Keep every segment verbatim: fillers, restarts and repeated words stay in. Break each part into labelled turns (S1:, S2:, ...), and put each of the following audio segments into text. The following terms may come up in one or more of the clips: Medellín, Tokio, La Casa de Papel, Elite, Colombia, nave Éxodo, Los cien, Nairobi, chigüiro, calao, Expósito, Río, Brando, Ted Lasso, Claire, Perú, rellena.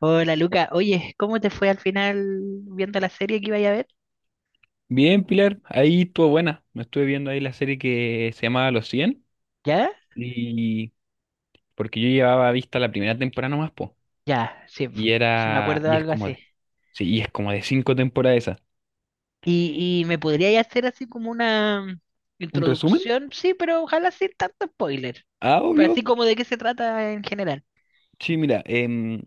S1: Hola Luca, oye, ¿cómo te fue al final viendo la serie que iba a ver?
S2: Bien, Pilar, ahí estuvo buena. Me estuve viendo ahí la serie que se llamaba Los cien
S1: ¿Ya?
S2: y porque yo llevaba vista la primera temporada nomás, po.
S1: Ya, sí, po,
S2: Y
S1: sí me
S2: era,
S1: acuerdo de
S2: y es
S1: algo
S2: como
S1: así.
S2: de, sí, y es como de cinco temporadas esa.
S1: ¿Y, y me podrías hacer así como una
S2: ¿Un resumen?
S1: introducción? Sí, pero ojalá sin tanto spoiler.
S2: Ah,
S1: Pero
S2: obvio.
S1: así como de qué se trata en general.
S2: Sí, mira, em,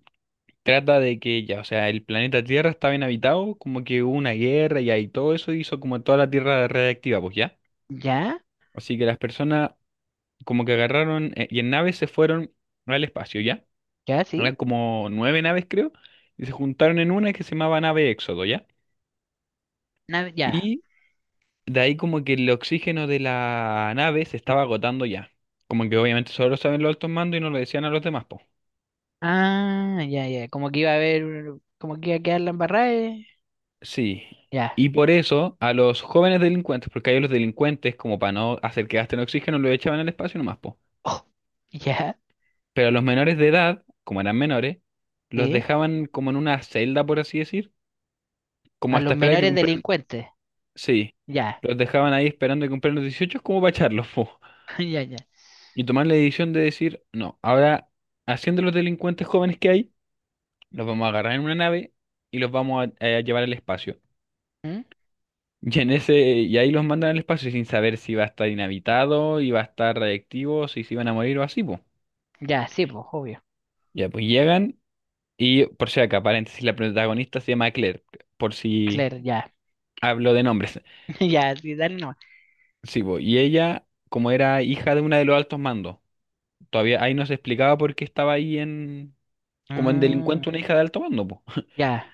S2: trata de que ya, o sea, el planeta Tierra estaba inhabitado, como que hubo una guerra y ahí todo eso hizo como toda la Tierra radiactiva, pues ya.
S1: ¿Ya?
S2: Así que las personas como que agarraron eh, y en naves se fueron al espacio, ¿ya?
S1: ¿Ya?
S2: Eran
S1: ¿Sí?
S2: como nueve naves, creo, y se juntaron en una que se llamaba nave Éxodo, ¿ya?
S1: Na- ya.
S2: Y de ahí como que el oxígeno de la nave se estaba agotando ya. Como que obviamente solo lo saben los altos mandos y no lo decían a los demás, po.
S1: Ah, ya, ya. Como que iba a haber, como que iba a quedar la embarrada. eh.
S2: Sí.
S1: Ya.
S2: Y por eso a los jóvenes delincuentes, porque hay los delincuentes, como para no hacer que gasten oxígeno, lo echaban al espacio nomás, po.
S1: Oh, ya.
S2: Pero a los menores de edad, como eran menores, los
S1: ¿Sí?
S2: dejaban como en una celda, por así decir, como
S1: A los
S2: hasta esperar que
S1: menores
S2: cumplan.
S1: delincuentes.
S2: Sí,
S1: Ya.
S2: los dejaban ahí esperando que cumplieran los dieciocho como para echarlos, po.
S1: Ya, ya.
S2: Y tomar la decisión de decir, no, ahora, haciendo los delincuentes jóvenes que hay, los vamos a agarrar en una nave y los vamos a, a llevar al espacio.
S1: ¿Mm?
S2: Y, en ese, y ahí los mandan al espacio sin saber si va a estar inhabitado, y va a estar radiactivo, si se iban a morir o así, pues.
S1: Ya, sí, pues, obvio.
S2: Ya, pues llegan, y por si acá, paréntesis, la protagonista se llama Claire, por si
S1: Claro, ya,
S2: hablo de nombres.
S1: ya, sí, dale nomás.
S2: Sí, po, y ella, como era hija de una de los altos mandos, todavía ahí no se explicaba por qué estaba ahí en, como en
S1: Mm,
S2: delincuente una hija de alto mando, pues.
S1: ya,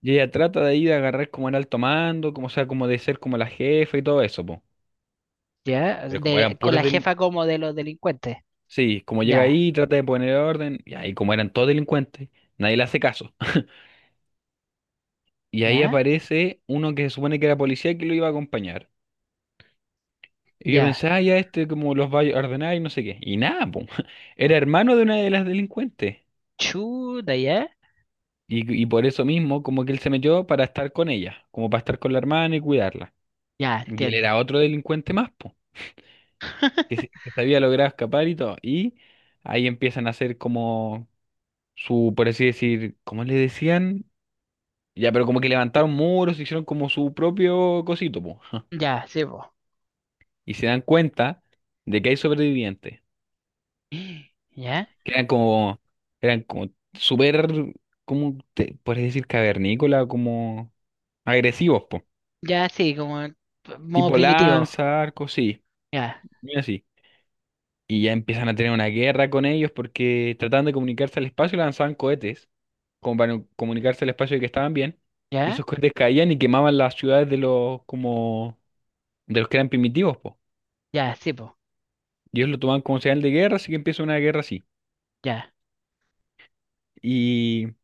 S2: Y ella trata de ahí de agarrar como era el tomando como sea, como de ser como la jefa y todo eso, po.
S1: ya,
S2: Pero como
S1: de-
S2: eran
S1: con
S2: puros
S1: la
S2: del.
S1: jefa como de los delincuentes.
S2: Sí, como llega
S1: Ya,
S2: ahí, trata de poner orden, y ahí como eran todos delincuentes, nadie le hace caso. Y ahí
S1: ya,
S2: aparece uno que se supone que era policía que lo iba a acompañar. Y yo
S1: ya.
S2: pensé, ah, ya este como los va a ordenar y no sé qué. Y nada, po. Era hermano de una de las delincuentes.
S1: Chuta, ya,
S2: Y, y por eso mismo, como que él se metió para estar con ella, como para estar con la hermana y cuidarla.
S1: ya,
S2: Y él
S1: entiendo.
S2: era otro delincuente más, po. que, se- que se había logrado escapar y todo. Y ahí empiezan a hacer como su, por así decir, ¿cómo le decían? Ya, pero como que levantaron muros, hicieron como su propio cosito, po.
S1: Ya, sí, po.
S2: Y se dan cuenta de que hay sobrevivientes,
S1: Ya,
S2: que eran como, eran como, súper, como, te, puedes decir, cavernícola, como agresivos, po.
S1: ya, sí, como en modo
S2: Tipo
S1: primitivo.
S2: lanza, arco, sí,
S1: Ya,
S2: muy así. Y ya empiezan a tener una guerra con ellos porque trataban de comunicarse al espacio y lanzaban cohetes como para comunicarse al espacio de que estaban bien. Y
S1: ya,
S2: esos cohetes caían y quemaban las ciudades de los como de los que eran primitivos, po.
S1: ya, sí, po.
S2: Y ellos lo tomaban como señal de guerra, así que empieza una guerra así.
S1: Ya.
S2: Y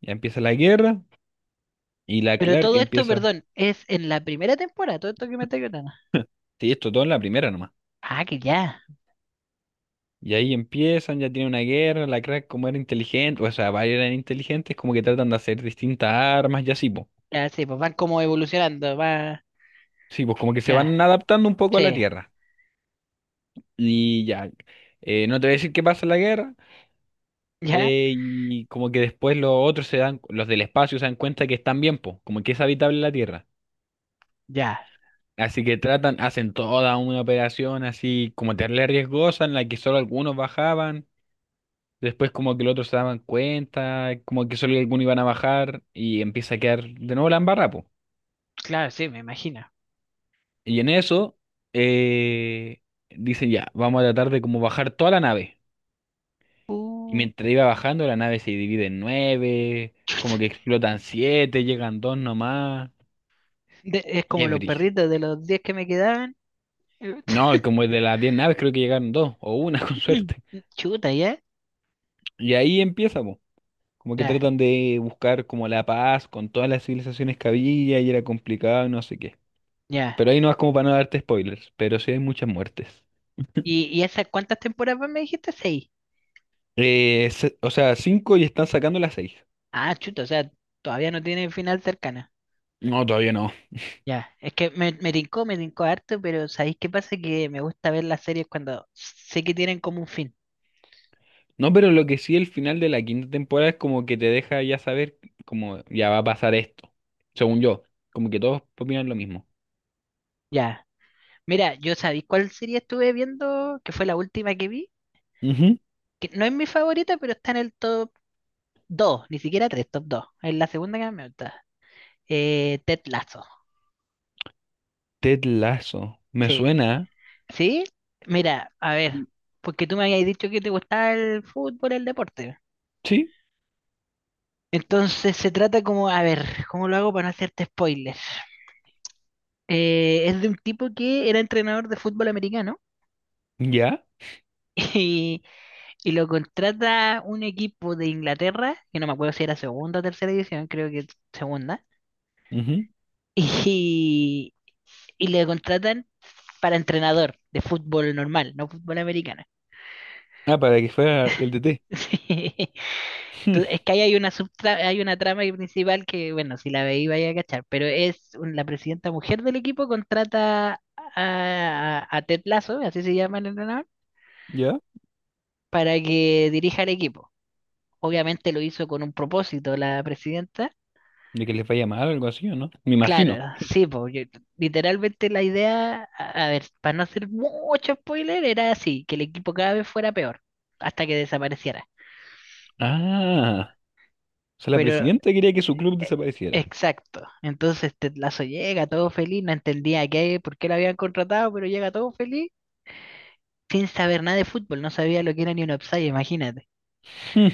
S2: ya empieza la guerra y la
S1: Pero
S2: Clark
S1: todo esto,
S2: empieza.
S1: perdón, es en la primera temporada, todo esto que me está contando.
S2: Sí, esto todo en la primera nomás.
S1: Ah, que ya.
S2: Y ahí empiezan, ya tienen una guerra, la Clark como era inteligente, o sea, varios eran inteligentes, como que tratan de hacer distintas armas y así, po.
S1: Ya, sí, pues van como evolucionando, va.
S2: Sí, pues como que se
S1: Ya,
S2: van adaptando un poco a la
S1: sí,
S2: Tierra. Y ya, eh, no te voy a decir qué pasa en la guerra.
S1: ya,
S2: Eh, y como que después los otros se dan, los del espacio se dan cuenta que están bien, po, como que es habitable la Tierra.
S1: ya.
S2: Así que tratan, hacen toda una operación así como terrible riesgosa en la que solo algunos bajaban. Después como que los otros se daban cuenta, como que solo algunos iban a bajar y empieza a quedar de nuevo la embarra, po.
S1: Claro, sí, me imagino.
S2: Y en eso eh, dicen ya, vamos a tratar de como bajar toda la nave. Y
S1: Uh.
S2: mientras iba bajando, la nave se divide en nueve, como que explotan siete, llegan dos nomás.
S1: De- es
S2: Y
S1: como
S2: es
S1: los
S2: brígido.
S1: perritos de los diez que me quedaban.
S2: No, y como de las diez naves creo que llegaron dos, o una con suerte.
S1: Chuta, ¿ya?
S2: Y ahí empieza, po. Como que
S1: Ya,
S2: tratan de buscar como la paz con todas las civilizaciones que había y era complicado y no sé qué.
S1: ya.
S2: Pero ahí no es como para no darte spoilers, pero sí hay muchas muertes.
S1: ¿Y, y esas cuántas temporadas más me dijiste? Seis.
S2: Eh, se- o sea, cinco y están sacando las seis.
S1: Ah, chuta, o sea, todavía no tiene final cercana.
S2: No, todavía no.
S1: Ya, es que me, me tincó, me tincó harto, pero ¿sabéis qué pasa? Que me gusta ver las series cuando sé que tienen como un fin.
S2: No, pero lo que sí, el final de la quinta temporada es como que te deja ya saber como ya va a pasar esto, según yo. Como que todos opinan lo mismo.
S1: Ya. Mira, yo sabéis cuál serie estuve viendo, que fue la última que vi,
S2: Ujú.
S1: que no es mi favorita, pero está en el top dos, ni siquiera tres, top dos. Es la segunda que más me gusta. Eh, Ted Lasso.
S2: Ted Lasso. Me
S1: Sí.
S2: suena.
S1: ¿Sí? Mira, a ver,
S2: Sí.
S1: porque tú me habías dicho que te gustaba el fútbol, el deporte.
S2: Sí.
S1: Entonces se trata como, a ver, ¿cómo lo hago para no hacerte spoilers? Eh, es de un tipo que era entrenador de fútbol americano
S2: ¿Ya?
S1: y, y lo contrata un equipo de Inglaterra, que no me acuerdo si era segunda o tercera división, creo que segunda,
S2: Ujú.
S1: y, y le contratan para entrenador de fútbol normal, no fútbol americano.
S2: Ah, para que fuera el D T.
S1: Sí. Tú- Es que ahí hay una subtra- hay una trama ahí principal que, bueno, si la veí vaya a cachar, pero es un- la presidenta mujer del equipo contrata a, a, a Ted Lasso, así se llama el entrenador,
S2: ¿Ya?
S1: para que dirija el equipo. Obviamente lo hizo con un propósito la presidenta.
S2: De que les vaya mal o algo así, ¿o no? Me imagino.
S1: Claro, sí, porque literalmente la idea, a a ver, para no hacer mucho spoiler, era así, que el equipo cada vez fuera peor, hasta que desapareciera.
S2: Ah, o sea, la
S1: Pero
S2: presidenta quería que su club
S1: E-
S2: desapareciera.
S1: Exacto. Entonces Tetlazo llega todo feliz, no entendía qué, por qué lo habían contratado, pero llega todo feliz sin saber nada de fútbol, no sabía lo que era ni un offside, imagínate.
S2: Hmm.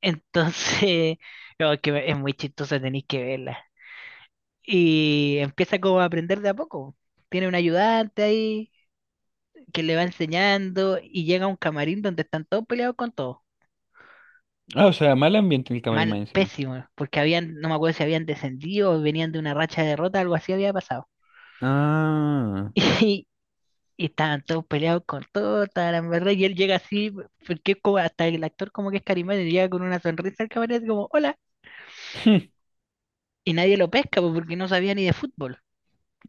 S1: Entonces, no, es que es muy chistosa, tenéis que verla. Y empieza como a aprender de a poco. Tiene un ayudante ahí que le va enseñando y llega a un camarín donde están todos peleados con todos.
S2: Ah, o sea, mal ambiente en el camarín más
S1: Mal,
S2: encima.
S1: pésimo, porque habían, no me acuerdo si habían descendido o venían de una racha de derrota, algo así había pasado.
S2: Ah.
S1: Y, y estaban todos peleados con todo, la verdad, y él llega así, porque es como hasta el actor como que es carismático, llega con una sonrisa al camarero como, hola, y nadie lo pesca pues, porque no sabía ni de fútbol.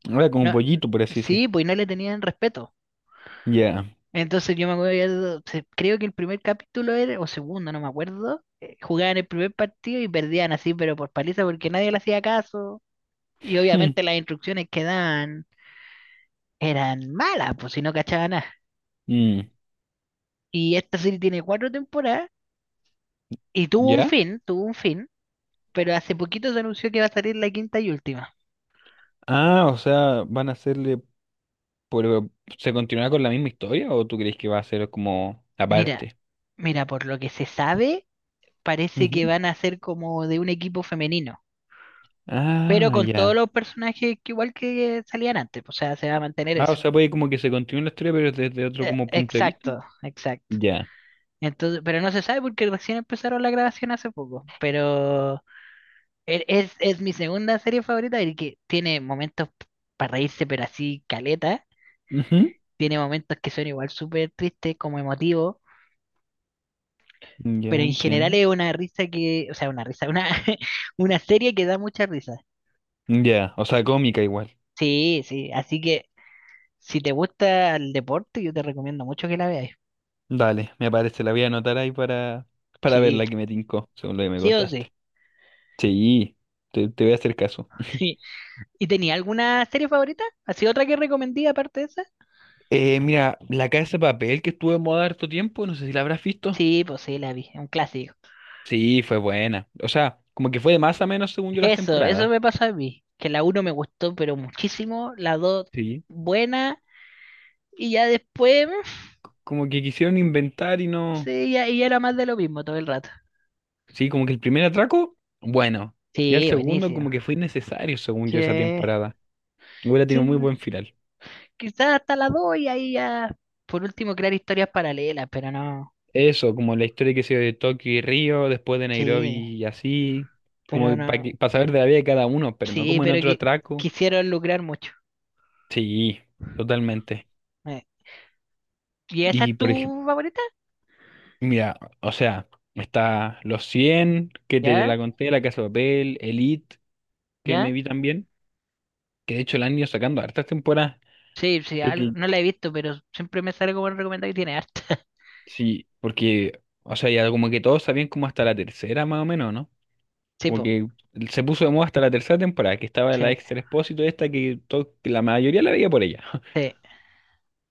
S2: Hmm. Ahora como
S1: No,
S2: pollito, por así decir.
S1: sí, pues no le tenían respeto.
S2: Ya.
S1: Entonces yo me acuerdo, se- creo que el primer capítulo era, o segundo, no me acuerdo, eh, jugaban el primer partido y perdían así, pero por paliza porque nadie le hacía caso. Y
S2: Hmm.
S1: obviamente las instrucciones que daban eran malas, pues si no cachaban nada.
S2: Mm,
S1: Y esta serie tiene cuatro temporadas y tuvo un
S2: ¿ya?
S1: fin, tuvo un fin, pero hace poquito se anunció que va a salir la quinta y última.
S2: Ah, o sea, van a hacerle, pero ¿se continuará con la misma historia o tú crees que va a ser como
S1: Mira,
S2: aparte?
S1: mira, por lo que se sabe, parece que
S2: Ujú.
S1: van a ser como de un equipo femenino, pero
S2: Ah,
S1: con todos
S2: ya.
S1: los personajes que igual que salían antes, o sea, se va a mantener
S2: Ah, o
S1: eso.
S2: sea, puede como que se continúe la historia, pero desde otro
S1: Eh,
S2: como punto de vista.
S1: exacto, exacto.
S2: Ya.
S1: Entonces, pero no se sabe porque recién empezaron la grabación hace poco, pero e- es, es mi segunda serie favorita y que tiene momentos para reírse, pero así caleta,
S2: Ujú.
S1: tiene momentos que son igual súper tristes, como emotivos, pero
S2: Ya,
S1: en general
S2: entiendo.
S1: es una risa que, o sea, una risa, una, una serie que da mucha risa.
S2: Ya, o sea, cómica igual.
S1: Sí, sí, así que si te gusta el deporte, yo te recomiendo mucho que la veas.
S2: Dale, me parece, la voy a anotar ahí para, para ver
S1: Sí,
S2: la que me tincó, según lo que me
S1: sí o sí.
S2: contaste. Sí, te, te voy a hacer caso.
S1: Sí. ¿Y tenía alguna serie favorita? ¿Así otra que recomendé aparte de esa?
S2: Eh, mira, la Casa de Papel que estuvo en moda harto tiempo, no sé si la habrás visto.
S1: Sí, pues sí, la vi, un clásico.
S2: Sí, fue buena. O sea, como que fue de más a menos según yo las
S1: Eso, eso
S2: temporadas.
S1: me pasó a mí, que la uno me gustó, pero muchísimo, la dos
S2: Sí.
S1: buena, y ya después, mm,
S2: Como que quisieron inventar y no.
S1: sí, ya, y era más de lo mismo todo el rato.
S2: Sí, como que el primer atraco, bueno. Y al
S1: Sí,
S2: segundo,
S1: buenísimo.
S2: como que fue innecesario según
S1: Sí,
S2: yo esa temporada. Hubiera
S1: sí,
S2: tenido muy buen final.
S1: quizás hasta la dos y ahí ya, por último, crear historias paralelas, pero no,
S2: Eso, como la historia que se dio de Tokio y Río, después de Nairobi
S1: sí,
S2: y así. Como
S1: pero no,
S2: para saber de la vida de cada uno, pero no
S1: sí,
S2: como en
S1: pero
S2: otro
S1: que
S2: atraco.
S1: quisieron lucrar mucho.
S2: Sí, totalmente.
S1: eh. ¿Y esa
S2: Y
S1: es
S2: por ejemplo,
S1: tu favorita?
S2: mira, o sea. Está Los cien que te
S1: ¿Ya?
S2: la conté, La Casa de Papel, Elite, que me
S1: ¿Ya?
S2: vi también, que de hecho la han ido sacando hartas temporadas.
S1: Sí, sí,
S2: Creo
S1: al-
S2: que
S1: no la he visto, pero siempre me sale como recomendado y tiene harta.
S2: sí, porque, o sea, ya como que todos sabían como hasta la tercera más o menos, ¿no?
S1: Sí,
S2: Como
S1: po,
S2: que se puso de moda hasta la tercera temporada, que estaba la
S1: sí,
S2: extra Expósito esta que, to- que la mayoría la veía por ella.
S1: sí.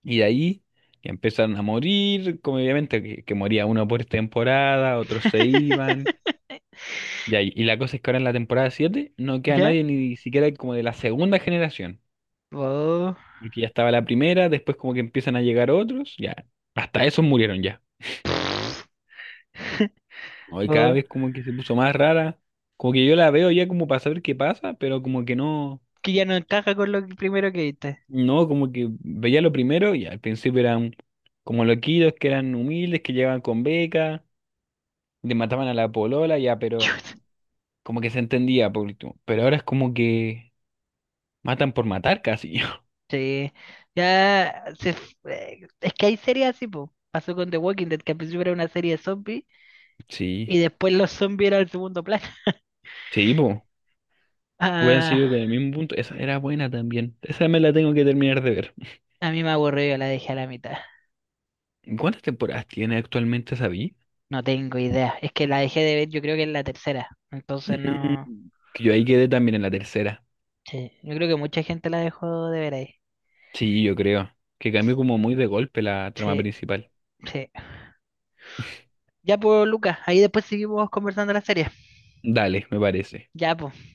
S2: Y de ahí ya empezaron a morir, como obviamente que, que moría uno por temporada, otros se iban. Ya, y y la cosa es que ahora en la temporada siete no queda
S1: ¿Ya?
S2: nadie ni siquiera como de la segunda generación.
S1: Oh,
S2: Porque ya estaba la primera, después como que empiezan a llegar otros, ya. Hasta esos murieron ya. Hoy cada
S1: oh,
S2: vez como que se puso más rara. Como que yo la veo ya como para saber qué pasa, pero como que no,
S1: que ya no encaja con lo que- primero que viste.
S2: no, como que veía lo primero y al principio eran como loquidos, que eran humildes, que llegaban con beca, le mataban a la polola, ya, pero
S1: Chut.
S2: como que se entendía por último. Pero ahora es como que matan por matar casi.
S1: Sí, ya se, f- eh, es que hay series así, po. Pasó con The Walking Dead, que al principio era una serie de zombies
S2: Sí,
S1: y después los zombies eran el segundo plano.
S2: sí, pues. Hubieran
S1: Ah,
S2: sido con el mismo punto. Esa era buena también. Esa me la tengo que terminar de ver.
S1: a mí me aburrió, la dejé a la mitad.
S2: ¿Cuántas temporadas tiene actualmente Sabi?
S1: No tengo idea. Es que la dejé de ver, yo creo que es la tercera. Entonces
S2: Mm,
S1: no.
S2: que yo ahí quedé también en la tercera.
S1: Sí, yo creo que mucha gente la dejó de ver ahí.
S2: Sí, yo creo. Que cambió como muy de golpe la trama
S1: Sí,
S2: principal.
S1: sí. Ya pues, Lucas, ahí después seguimos conversando la serie.
S2: Dale, me parece.
S1: Ya pues.